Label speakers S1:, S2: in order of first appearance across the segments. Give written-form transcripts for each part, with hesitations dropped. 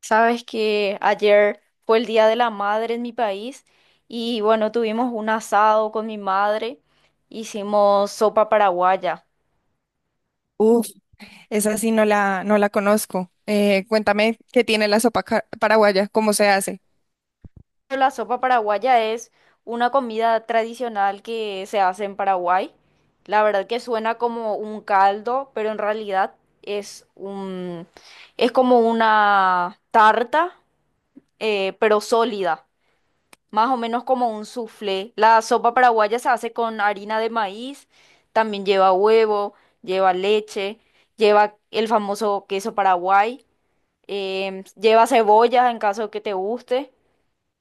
S1: Sabes que ayer fue el Día de la Madre en mi país y bueno, tuvimos un asado con mi madre, hicimos sopa paraguaya.
S2: Uf, esa sí no la conozco. Cuéntame qué tiene la sopa paraguaya, cómo se hace.
S1: La sopa paraguaya es una comida tradicional que se hace en Paraguay. La verdad que suena como un caldo, pero en realidad es un, es como una tarta, pero sólida. Más o menos como un soufflé. La sopa paraguaya se hace con harina de maíz, también lleva huevo, lleva leche, lleva el famoso queso paraguay, lleva cebolla en caso de que te guste,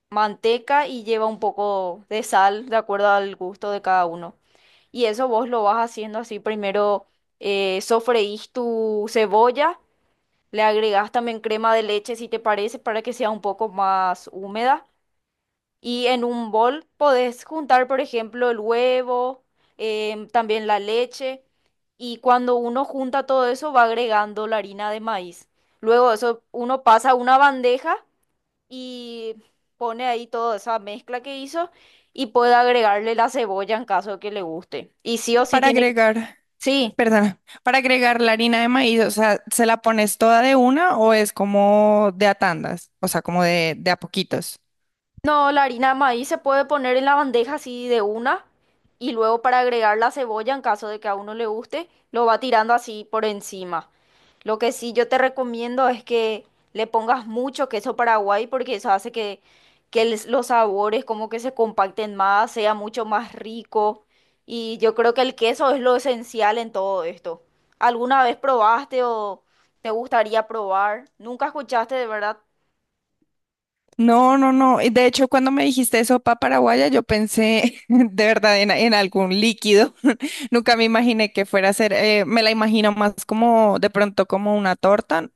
S1: manteca y lleva un poco de sal de acuerdo al gusto de cada uno. Y eso vos lo vas haciendo así, primero sofreís tu cebolla, le agregás también crema de leche si te parece para que sea un poco más húmeda y en un bol podés juntar, por ejemplo, el huevo, también la leche. Y cuando uno junta todo eso, va agregando la harina de maíz. Luego eso uno pasa a una bandeja y pone ahí toda esa mezcla que hizo y puede agregarle la cebolla en caso que le guste. Y sí o sí
S2: Para
S1: tiene...
S2: agregar,
S1: Sí,
S2: perdona, para agregar la harina de maíz, o sea, ¿se la pones toda de una o es como de a tandas? O sea, como de a poquitos.
S1: no, la harina de maíz se puede poner en la bandeja así de una y luego para agregar la cebolla en caso de que a uno le guste, lo va tirando así por encima. Lo que sí yo te recomiendo es que le pongas mucho queso paraguay porque eso hace que los sabores como que se compacten más, sea mucho más rico. Y yo creo que el queso es lo esencial en todo esto. ¿Alguna vez probaste o te gustaría probar? ¿Nunca escuchaste de verdad?
S2: No, no, no. De hecho, cuando me dijiste sopa paraguaya, yo pensé de verdad en algún líquido. Nunca me imaginé que fuera a ser, me la imagino más como de pronto como una torta.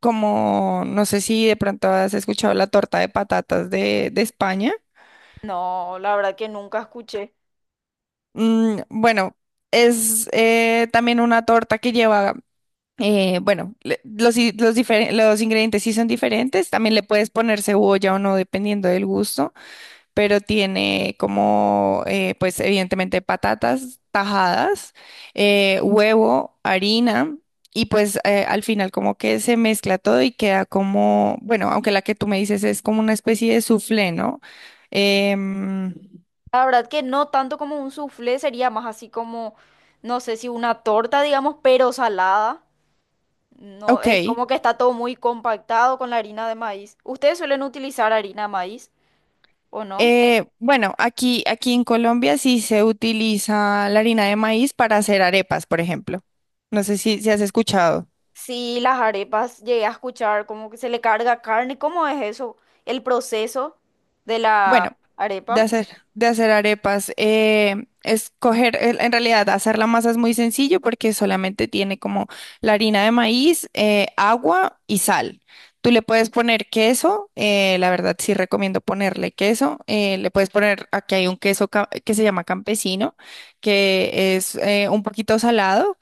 S2: Como no sé si de pronto has escuchado la torta de patatas de España.
S1: No, la verdad que nunca escuché.
S2: Mm, bueno, es también una torta que lleva, bueno, los ingredientes sí son diferentes, también le puedes poner cebolla o no, dependiendo del gusto. Pero tiene como, pues evidentemente patatas tajadas, huevo, harina. Y pues al final como que se mezcla todo y queda como, bueno, aunque la que tú me dices es como una especie de soufflé, ¿no? Em,
S1: La verdad que no tanto como un soufflé, sería más así como, no sé si una torta, digamos, pero salada. No, es
S2: ok.
S1: como que está todo muy compactado con la harina de maíz. ¿Ustedes suelen utilizar harina de maíz o no?
S2: Bueno, aquí en Colombia sí se utiliza la harina de maíz para hacer arepas, por ejemplo. No sé si has escuchado.
S1: Sí, las arepas llegué a escuchar como que se le carga carne. ¿Cómo es eso? El proceso de la
S2: Bueno, de
S1: arepa.
S2: hacer, de hacer arepas, es coger, en realidad hacer la masa es muy sencillo porque solamente tiene como la harina de maíz, agua y sal. Tú le puedes poner queso, la verdad sí recomiendo ponerle queso, le puedes poner, aquí hay un queso que se llama campesino, que es un poquito salado,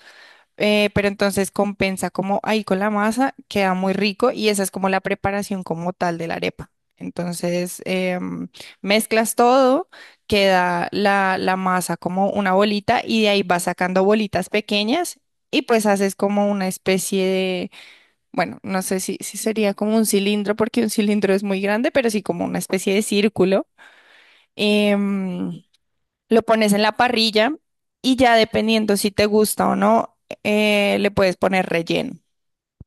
S2: pero entonces compensa como ahí con la masa, queda muy rico y esa es como la preparación como tal de la arepa. Entonces mezclas todo, queda la masa como una bolita y de ahí vas sacando bolitas pequeñas y pues haces como una especie de, bueno, no sé si sería como un cilindro porque un cilindro es muy grande, pero sí como una especie de círculo. Em, lo pones en la parrilla y ya dependiendo si te gusta o no, le puedes poner relleno.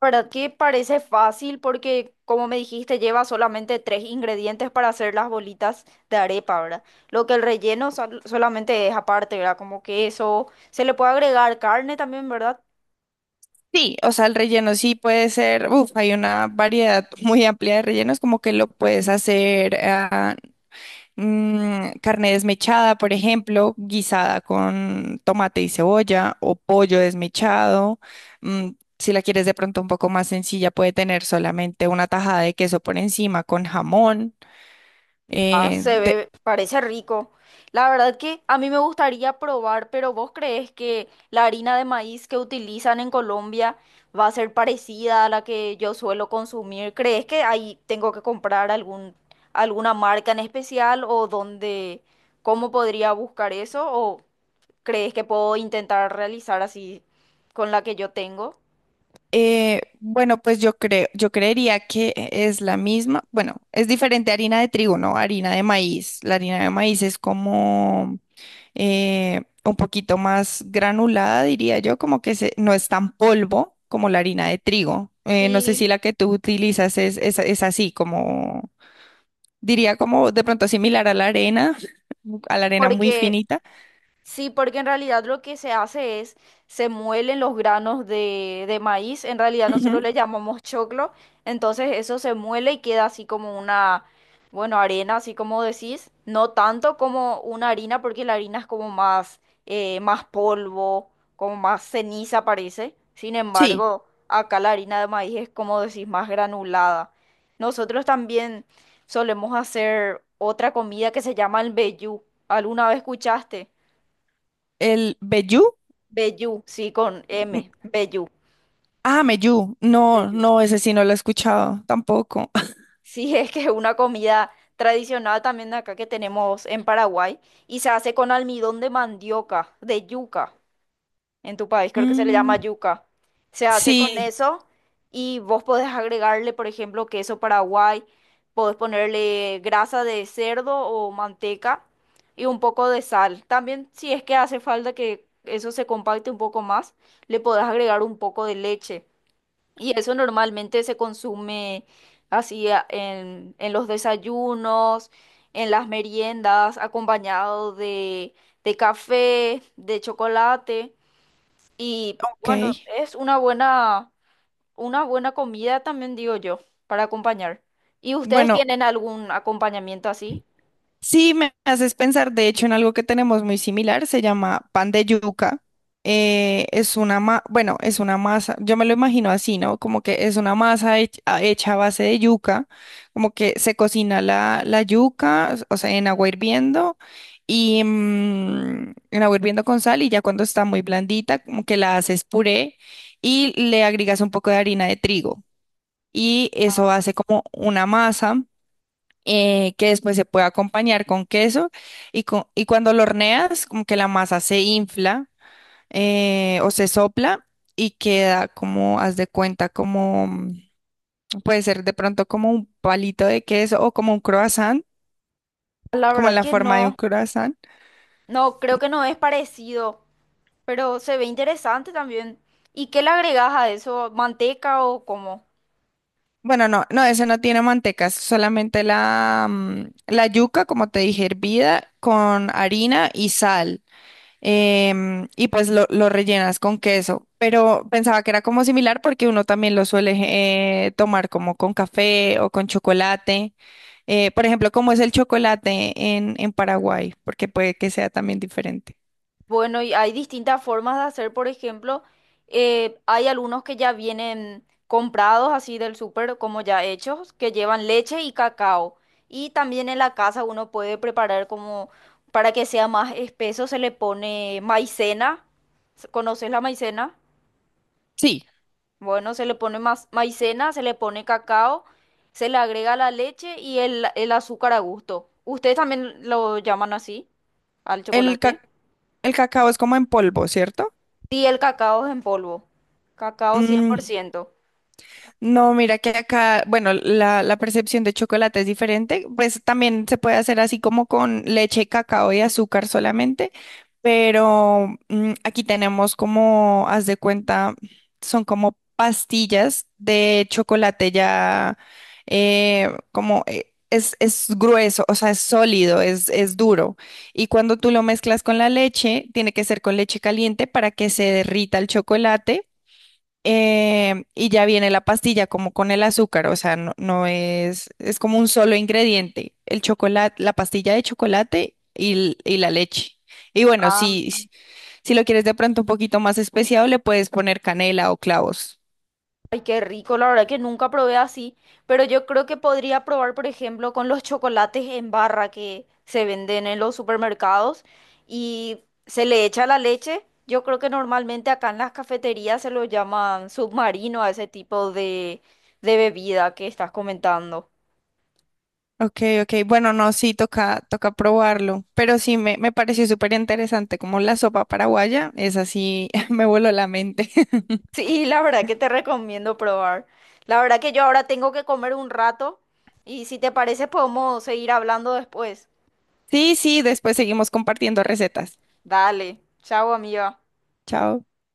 S1: ¿Verdad que parece fácil? Porque, como me dijiste, lleva solamente tres ingredientes para hacer las bolitas de arepa, ¿verdad? Lo que el relleno solamente es aparte, ¿verdad? Como queso. Se le puede agregar carne también, ¿verdad?
S2: Sí, o sea, el relleno sí puede ser, uf, hay una variedad muy amplia de rellenos, como que lo puedes hacer carne desmechada, por ejemplo, guisada con tomate y cebolla o pollo desmechado. mm, si la quieres de pronto un poco más sencilla, puede tener solamente una tajada de queso por encima con jamón.
S1: Ah,
S2: Eh,
S1: se
S2: de-
S1: ve, parece rico. La verdad que a mí me gustaría probar, pero ¿vos crees que la harina de maíz que utilizan en Colombia va a ser parecida a la que yo suelo consumir? ¿Crees que ahí tengo que comprar algún, alguna marca en especial o dónde, cómo podría buscar eso? ¿O crees que puedo intentar realizar así con la que yo tengo?
S2: Bueno, pues yo creería que es la misma. Bueno, es diferente a harina de trigo, ¿no? Harina de maíz. La harina de maíz es como un poquito más granulada, diría yo, no es tan polvo como la harina de trigo. No sé
S1: Sí,
S2: si la que tú utilizas es así, como diría como de pronto similar a la arena, a la arena muy
S1: porque
S2: finita.
S1: sí, porque en realidad lo que se hace es, se muelen los granos de maíz, en realidad nosotros
S2: Ujú.
S1: le llamamos choclo, entonces eso se muele y queda así como una, bueno, arena, así como decís, no tanto como una harina, porque la harina es como más, más polvo, como más ceniza parece, sin
S2: Sí,
S1: embargo, acá la harina de maíz es como decís, más granulada. Nosotros también solemos hacer otra comida que se llama el vellú, ¿alguna vez escuchaste?
S2: el vellú.
S1: Vellú, sí, con
S2: Mm,
S1: M, vellú.
S2: ah, meyú. No,
S1: Bello.
S2: no, ese sí no lo he escuchado tampoco.
S1: Sí, es que es una comida tradicional también de acá que tenemos en Paraguay y se hace con almidón de mandioca, de yuca. En tu país creo que se le llama
S2: Mm,
S1: yuca. Se hace con
S2: sí,
S1: eso y vos podés agregarle, por ejemplo, queso Paraguay, podés ponerle grasa de cerdo o manteca y un poco de sal. También si es que hace falta que eso se compacte un poco más, le podés agregar un poco de leche. Y eso normalmente se consume así en los desayunos, en las meriendas, acompañado de café, de chocolate. Y
S2: ok.
S1: bueno, es una buena comida también, digo yo, para acompañar. ¿Y ustedes
S2: Bueno,
S1: tienen algún acompañamiento así?
S2: sí me haces pensar, de hecho, en algo que tenemos muy similar, se llama pan de yuca. Es una bueno, es una masa, yo me lo imagino así, ¿no? Como que es una masa hecha a base de yuca, como que se cocina la yuca, o sea, en agua hirviendo y en agua hirviendo con sal y ya cuando está muy blandita, como que la haces puré y le agregas un poco de harina de trigo. Y eso hace como una masa que después se puede acompañar con queso y, y cuando lo horneas como que la masa se infla o se sopla y queda como, haz de cuenta, como puede ser de pronto como un palito de queso o como un croissant,
S1: La
S2: como
S1: verdad
S2: la
S1: que
S2: forma de un
S1: no,
S2: croissant.
S1: no, creo que no es parecido, pero se ve interesante también. ¿Y qué le agregas a eso? ¿Manteca o cómo?
S2: Bueno, no, no, ese no tiene manteca, es solamente la, la yuca, como te dije, hervida con harina y sal. Y pues lo rellenas con queso. Pero pensaba que era como similar porque uno también lo suele tomar como con café o con chocolate. Por ejemplo, ¿cómo es el chocolate en Paraguay? Porque puede que sea también diferente.
S1: Bueno, y hay distintas formas de hacer, por ejemplo, hay algunos que ya vienen comprados así del súper como ya hechos, que llevan leche y cacao. Y también en la casa uno puede preparar como para que sea más espeso, se le pone maicena. ¿Conoces la maicena?
S2: Sí,
S1: Bueno, se le pone más maicena, se le pone cacao, se le agrega la leche y el azúcar a gusto. ¿Ustedes también lo llaman así al
S2: el,
S1: chocolate?
S2: ca- el cacao es como en polvo, ¿cierto?
S1: Sí, el cacao es en polvo. Cacao cien por
S2: Mm,
S1: ciento.
S2: no, mira que acá, bueno, la percepción de chocolate es diferente, pues también se puede hacer así como con leche, cacao y azúcar solamente, pero aquí tenemos como, haz de cuenta, son como pastillas de chocolate ya, es grueso, o sea, es sólido, es duro, y cuando tú lo mezclas con la leche, tiene que ser con leche caliente para que se derrita el chocolate y ya viene la pastilla como con el azúcar, o sea, no, no es, es como un solo ingrediente, el chocolate, la pastilla de chocolate y, y la leche. Y bueno,
S1: Ah,
S2: si si lo quieres de pronto un poquito más especiado, le puedes poner canela o clavos.
S1: ay, qué rico, la verdad que nunca probé así, pero yo creo que podría probar, por ejemplo, con los chocolates en barra que se venden en los supermercados y se le echa la leche. Yo creo que normalmente acá en las cafeterías se lo llaman submarino a ese tipo de bebida que estás comentando.
S2: Ok, ok, bueno, no, sí, toca probarlo, pero sí, me pareció súper interesante como la sopa paraguaya, es así, me voló la mente.
S1: Sí, la verdad que te recomiendo probar. La verdad que yo ahora tengo que comer un rato y si te parece podemos seguir hablando después.
S2: Sí, sí, después seguimos compartiendo recetas.
S1: Dale, chao amiga.
S2: Chao.